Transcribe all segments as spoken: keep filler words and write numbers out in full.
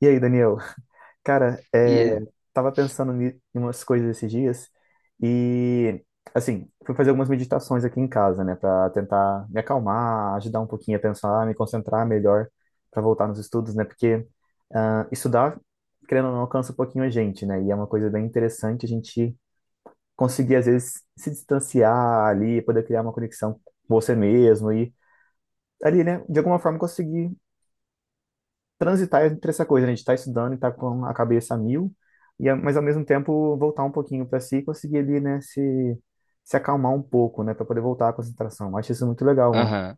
E aí, Daniel? Cara, é, E, tava pensando ni- em umas coisas esses dias e, assim, fui fazer algumas meditações aqui em casa, né, pra tentar me acalmar, ajudar um pouquinho a pensar, me concentrar melhor pra voltar nos estudos, né, porque ah, estudar, querendo ou não, alcança um pouquinho a gente, né, e é uma coisa bem interessante a gente conseguir, às vezes, se distanciar ali, poder criar uma conexão com você mesmo e ali, né, de alguma forma conseguir transitar entre essa coisa, né? De estar estudando e estar com a cabeça a mil, e, a- mas ao mesmo tempo voltar um pouquinho para si e conseguir ali, né, se, se acalmar um pouco, né, para poder voltar à concentração. Eu acho isso muito legal, mano. aham.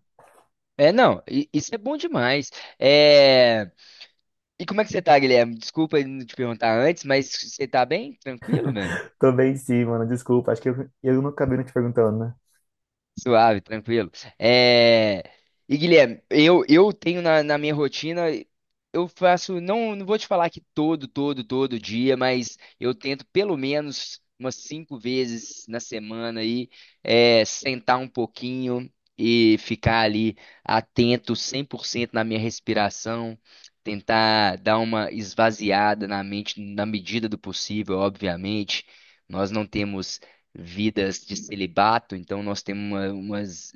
É, não, i- isso é bom demais. É... E como é que você tá, Guilherme? Desculpa não te perguntar antes, mas você tá bem? Tranquilo, velho? Tô bem sim, mano, desculpa. Acho que eu, eu não acabei não te perguntando, né? Suave, tranquilo. É... E Guilherme, eu, eu tenho na, na minha rotina, eu faço, não, não vou te falar que todo, todo, todo dia, mas eu tento pelo menos umas cinco vezes na semana aí, é, sentar um pouquinho e ficar ali atento cem por cento na minha respiração, tentar dar uma esvaziada na mente na medida do possível, obviamente. Nós não temos vidas de celibato, então nós temos uma- umas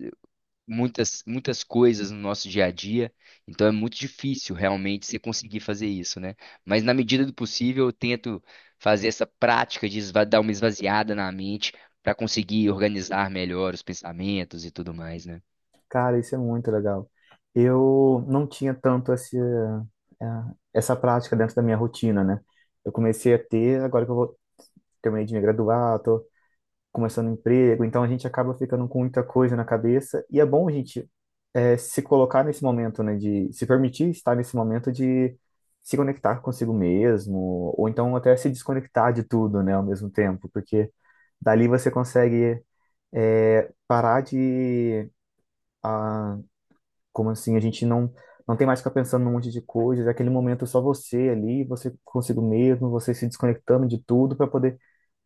muitas muitas coisas no nosso dia a dia, então é muito difícil realmente você conseguir fazer isso, né? Mas na medida do possível eu tento fazer essa prática de esva- dar uma esvaziada na mente para conseguir organizar melhor os pensamentos e tudo mais, né? Cara, isso é muito legal. Eu não tinha tanto esse, eh, essa prática dentro da minha rotina, né? Eu comecei a ter, agora que eu vou, terminei de me graduar, começando um emprego, então a gente acaba ficando com muita coisa na cabeça, e é bom a gente é, se colocar nesse momento, né, de se permitir estar nesse momento de se conectar consigo mesmo, ou então até se desconectar de tudo, né, ao mesmo tempo, porque dali você consegue é, parar de como assim? A gente não, não tem mais que ficar pensando num monte de coisas. É aquele momento só você ali, você consigo mesmo, você se desconectando de tudo para poder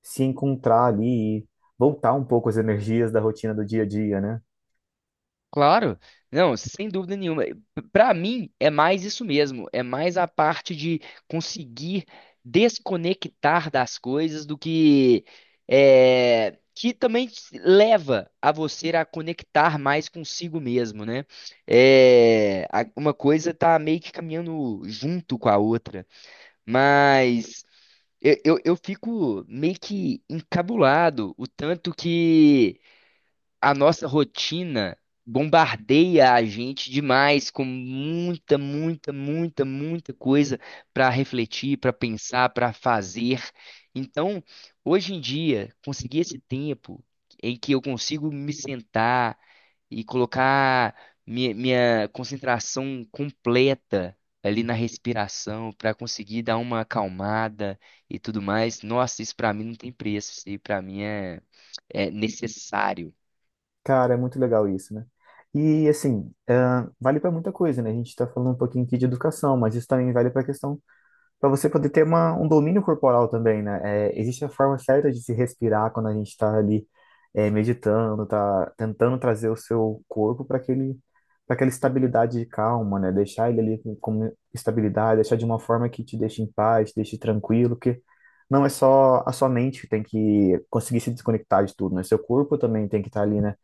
se encontrar ali e voltar um pouco as energias da rotina do dia a dia, né? Claro, não, sem dúvida nenhuma. Para mim é mais isso mesmo, é mais a parte de conseguir desconectar das coisas do que é, que também te leva a você a conectar mais consigo mesmo, né? É, a- uma coisa tá meio que caminhando junto com a outra, mas eu, eu eu fico meio que encabulado o tanto que a nossa rotina bombardeia a gente demais com muita, muita, muita, muita coisa para refletir, para pensar, para fazer. Então, hoje em dia, conseguir esse tempo em que eu consigo me sentar e colocar minha, minha concentração completa ali na respiração para conseguir dar uma acalmada e tudo mais. Nossa, isso para mim não tem preço, isso aí para mim é é necessário. Cara, é muito legal isso, né? E assim, ah, vale para muita coisa, né? A gente está falando um pouquinho aqui de educação, mas isso também vale para a questão para você poder ter uma, um domínio corporal também, né? É, existe a forma certa de se respirar quando a gente está ali é, meditando, tá tentando trazer o seu corpo para aquele, para aquela estabilidade de calma, né? Deixar ele ali com, com estabilidade, deixar de uma forma que te deixe em paz, te deixe tranquilo, porque não é só a sua mente que tem que conseguir se desconectar de tudo, né? Seu corpo também tem que estar ali, né?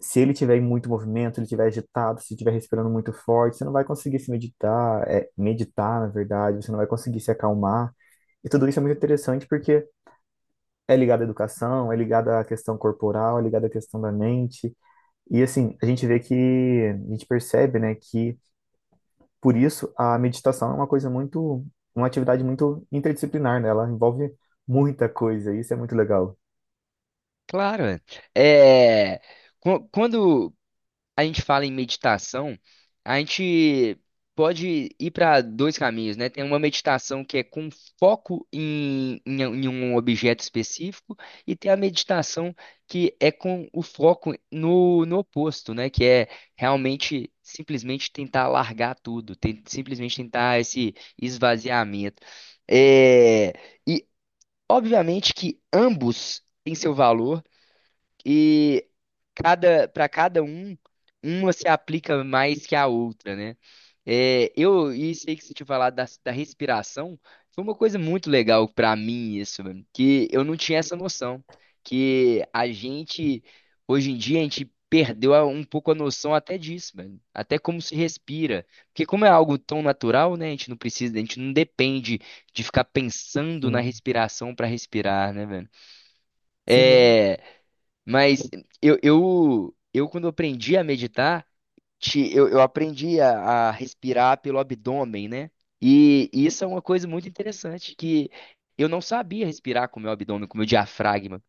Se ele tiver em muito movimento, ele tiver agitado, se estiver respirando muito forte, você não vai conseguir se meditar, é, meditar, na verdade, você não vai conseguir se acalmar. E tudo isso é muito interessante porque é ligado à educação, é ligado à questão corporal, é ligado à questão da mente. E assim, a gente vê que, a gente percebe, né, que por isso a meditação é uma coisa muito, uma atividade muito interdisciplinar, né? Ela envolve muita coisa, e isso é muito legal. Claro, é. É, qu- quando a gente fala em meditação, a gente pode ir para dois caminhos, né? Tem uma meditação que é com foco em, em, em um objeto específico, e tem a meditação que é com o foco no, no oposto, né? Que é realmente simplesmente tentar largar tudo, ten- simplesmente tentar esse esvaziamento. É, e obviamente que ambos têm seu valor. E cada para cada um, uma se aplica mais que a outra, né? É, eu e sei que você tinha falado da, da respiração, foi uma coisa muito legal pra mim isso, mano, que eu não tinha essa noção, que a gente hoje em dia a gente perdeu a- um pouco a noção até disso, mano, até como se respira, porque como é algo tão natural, né? A gente não precisa, a gente não depende de ficar pensando na Sim, respiração pra respirar, né, sim, né? mas eu, eu, eu quando aprendi a meditar, te- eu, eu aprendi a, a respirar pelo abdômen, né? E isso é uma coisa muito interessante, que eu não sabia respirar com o meu abdômen, com o meu diafragma.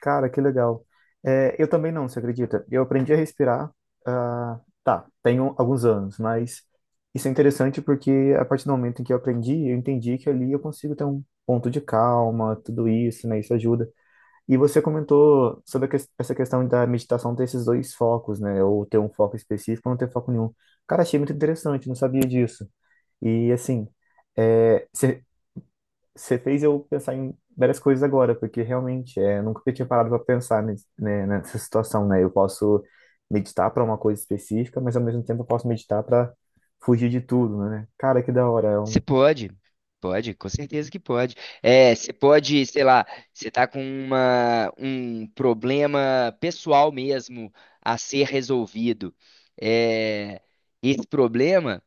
Cara, que legal. É, eu também não, você acredita? Eu aprendi a respirar, ah, tá, tenho alguns anos, mas isso é interessante porque a partir do momento em que eu aprendi, eu entendi que ali eu consigo ter um ponto de calma, tudo isso, né? Isso ajuda. E você comentou sobre a ques- essa questão da meditação ter esses dois focos, né? Ou ter um foco específico ou não ter foco nenhum. Cara, achei muito interessante, não sabia disso. E assim, é, você fez eu pensar em várias coisas agora, porque realmente é, eu nunca tinha parado para pensar nes- né, nessa situação, né? Eu posso meditar para uma coisa específica, mas ao mesmo tempo eu posso meditar para fugir de tudo, né? Cara, que da hora, é Você um pode, pode, com certeza que pode. É, você pode, sei lá, você tá com uma, um problema pessoal mesmo a ser resolvido. É, esse problema.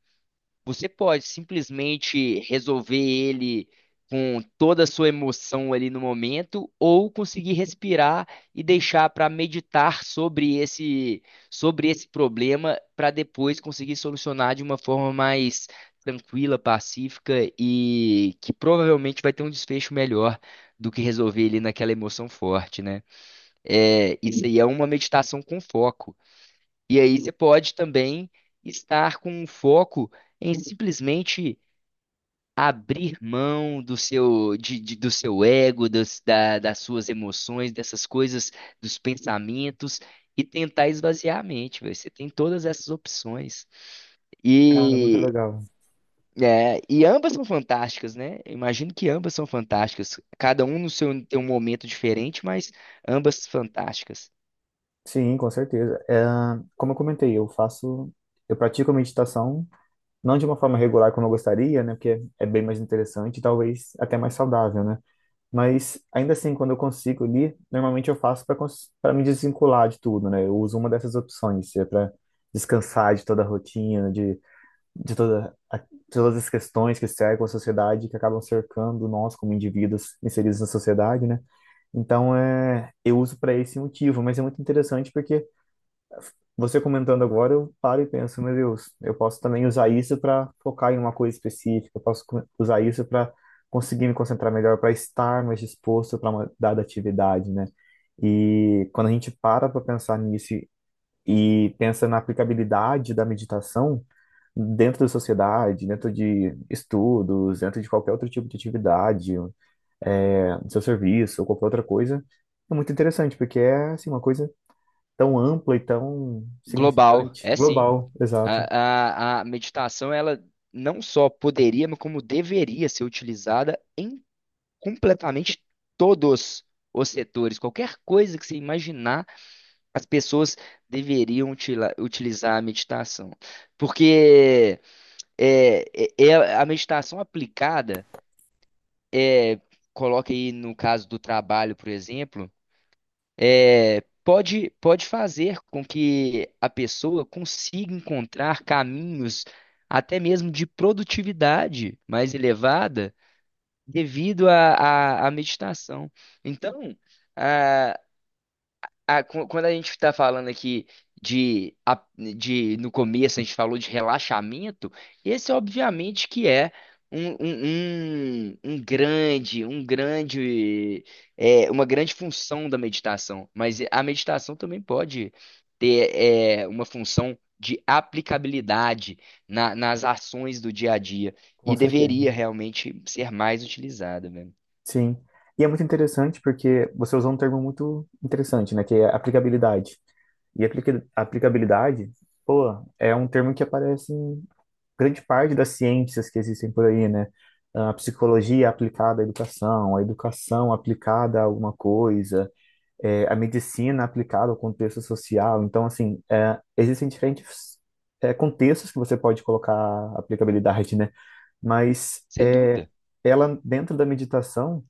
Você pode simplesmente resolver ele com toda a sua emoção ali no momento, ou conseguir respirar e deixar para meditar sobre esse, sobre esse problema para depois conseguir solucionar de uma forma mais tranquila, pacífica e que provavelmente vai ter um desfecho melhor do que resolver ele naquela emoção forte, né? É, isso aí é uma meditação com foco. E aí você pode também estar com um foco em simplesmente abrir mão do seu, de- de- do seu ego, das, da- das suas emoções, dessas coisas, dos pensamentos, e tentar esvaziar a mente, velho. Você tem todas essas opções. cara muito E, legal. é, e ambas são fantásticas, né? Eu imagino que ambas são fantásticas. Cada um no seu, tem um momento diferente, mas ambas fantásticas. Sim, com certeza. É, como eu comentei, eu faço, eu pratico a meditação não de uma forma regular como eu gostaria, né? Porque é bem mais interessante e talvez até mais saudável, né? Mas ainda assim, quando eu consigo ali, normalmente eu faço para para me desvincular de tudo, né? Eu uso uma dessas opções, se é para descansar de toda a rotina, de, de toda a- todas as questões que cercam a sociedade, que acabam cercando nós como indivíduos inseridos na sociedade, né? Então, é, eu uso para esse motivo, mas é muito interessante porque você comentando agora, eu paro e penso, meu Deus, eu posso também usar isso para focar em uma coisa específica, eu posso co- usar isso para conseguir me concentrar melhor, para estar mais disposto para uma dada atividade, né? E quando a gente para para pensar nisso e e pensa na aplicabilidade da meditação dentro da sociedade, dentro de estudos, dentro de qualquer outro tipo de atividade, é, do seu serviço ou qualquer outra coisa, é muito interessante, porque é assim, uma coisa tão ampla e tão Global, significante. é sim. Global, exato, A, a, a meditação, ela não só poderia, mas como deveria ser utilizada em completamente todos os setores. Qualquer coisa que você imaginar, as pessoas deveriam utila- utilizar a meditação. Porque é, é, é a meditação aplicada, é, coloca aí no caso do trabalho, por exemplo. É, pode, pode fazer com que a pessoa consiga encontrar caminhos até mesmo de produtividade mais elevada devido à à- à meditação. Então, ah, qu- quando a gente está falando aqui de, a- de no começo a gente falou de relaxamento, esse obviamente que é um, um, um, um grande, um grande, é, uma grande função da meditação. Mas a meditação também pode ter é, uma função de aplicabilidade na- nas ações do dia a dia com e certeza. deveria realmente ser mais utilizada, mesmo. Sim. E é muito interessante porque você usou um termo muito interessante, né? Que é aplicabilidade. E aplica- aplicabilidade, pô, é um termo que aparece em grande parte das ciências que existem por aí, né? A psicologia aplicada à educação, a educação aplicada a alguma coisa, é, a medicina aplicada ao contexto social. Então, assim, é, existem diferentes, é, contextos que você pode colocar aplicabilidade, né? Mas Sem é, dúvida. ela, dentro da meditação,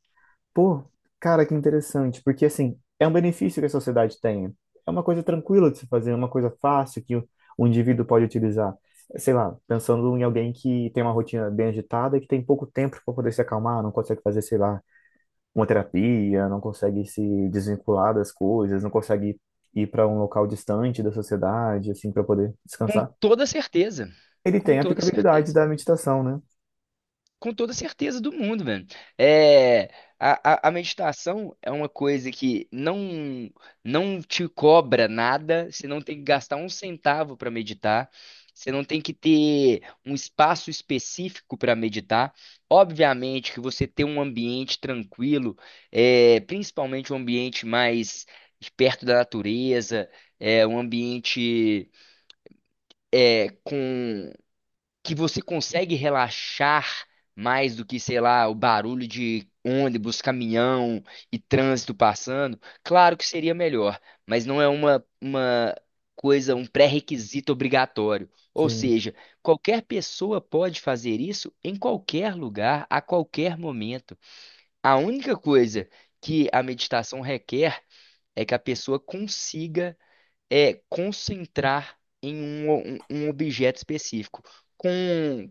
pô, cara, que interessante, porque assim, é um benefício que a sociedade tem. É uma coisa tranquila de se fazer, é uma coisa fácil que o, o indivíduo pode utilizar. Sei lá, pensando em alguém que tem uma rotina bem agitada e que tem pouco tempo para poder se acalmar, não consegue fazer, sei lá, uma terapia, não consegue se desvincular das coisas, não consegue ir para um local distante da sociedade, assim, para poder Com descansar. toda certeza. Ele Com tem a toda aplicabilidade certeza. da meditação, né? Com toda certeza do mundo, velho. É, a, a, a meditação é uma coisa que não não te cobra nada, você não tem que gastar um centavo para meditar, você não tem que ter um espaço específico para meditar. Obviamente que você ter um ambiente tranquilo, é, principalmente um ambiente mais perto da natureza, é, um ambiente que você consegue relaxar mais do que, sei lá, o barulho de ônibus, caminhão e trânsito passando, claro que seria melhor, mas não é uma, uma coisa, um pré-requisito obrigatório. Ou Sim, seja, qualquer pessoa pode fazer isso em qualquer lugar, a qualquer momento. A única coisa que a meditação requer é que a pessoa consiga é concentrar em um, um- um objeto específico, com,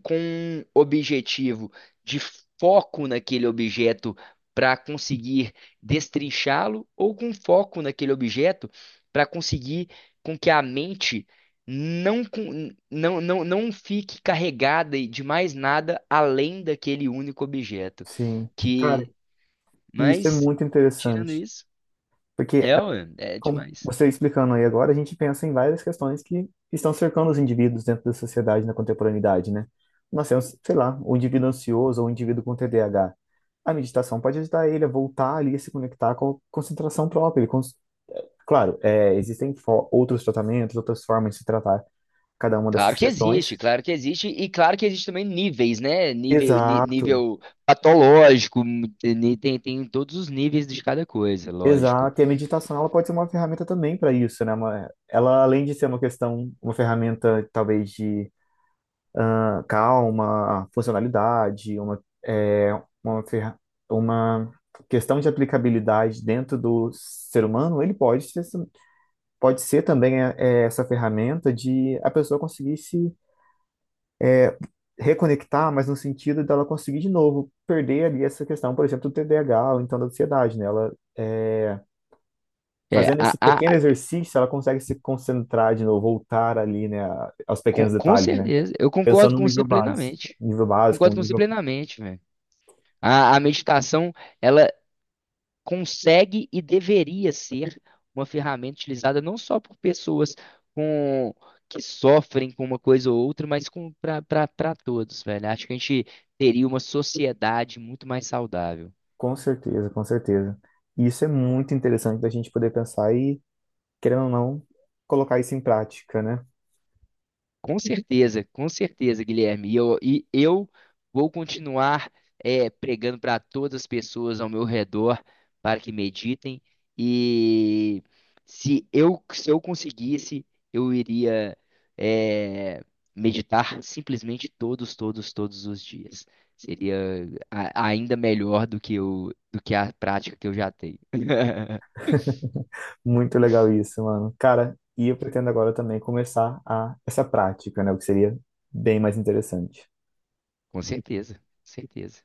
com um objetivo de foco naquele objeto para conseguir destrinchá-lo, ou com foco naquele objeto para conseguir com que a mente não, con- não, não, não fique carregada de mais nada além daquele único objeto. sim. Cara, Que, e isso é mas, muito tirando interessante, isso, porque é, a- ué, é como demais. você explicando aí agora, a gente pensa em várias questões que estão cercando os indivíduos dentro da sociedade na contemporaneidade, né? Nós temos, sei lá, o indivíduo ansioso ou o indivíduo com T D A H. A H. A meditação pode ajudar ele a voltar ali a se conectar com a concentração própria. Ele cons- Claro, é, existem fo- outros tratamentos, outras formas de se tratar cada uma Claro dessas que questões. existe, claro que existe, e claro que existe também níveis, né? Nível, ni- Exato. nível patológico, ni- tem, tem todos os níveis de cada coisa, lógico. Exato, e a meditação ela pode ser uma ferramenta também para isso, né? Uma- Ela, além de ser uma questão, uma ferramenta talvez de ah, calma, funcionalidade, uma, é, uma, ferra- uma questão de aplicabilidade dentro do ser humano, ele pode ser, pode ser também é, é, essa ferramenta de a pessoa conseguir se reconectar, mas no sentido dela conseguir de novo perder ali essa questão, por exemplo, do T D A H ou então da ansiedade, né? Ela, é, É, fazendo a, esse a- a- pequeno exercício, ela consegue se concentrar de novo, voltar ali, né, a- aos com, pequenos com detalhes, né? certeza, eu concordo Pensando no com você nível básico, plenamente. nível básico, um Concordo com você nível... plenamente, velho. A, a meditação, consegue e deveria ser uma ferramenta utilizada não só por pessoas com que sofrem com uma coisa ou outra, mas com para todos, velho. Acho que a gente teria uma sociedade muito mais saudável. Com certeza, com certeza. E isso é muito interessante da gente poder pensar e, querendo ou não, colocar isso em prática, né? Com certeza, com certeza, Guilherme. E eu, e eu vou continuar é, pregando para todas as pessoas ao meu redor para que meditem. E se eu, se eu conseguisse, eu iria é, meditar simplesmente todos, todos, todos os dias. Seria a- ainda melhor do que eu, do que a prática que eu já tenho. Muito legal isso, mano. Cara, e eu pretendo agora também começar a essa prática, né? O que seria bem mais interessante. Com certeza, com certeza.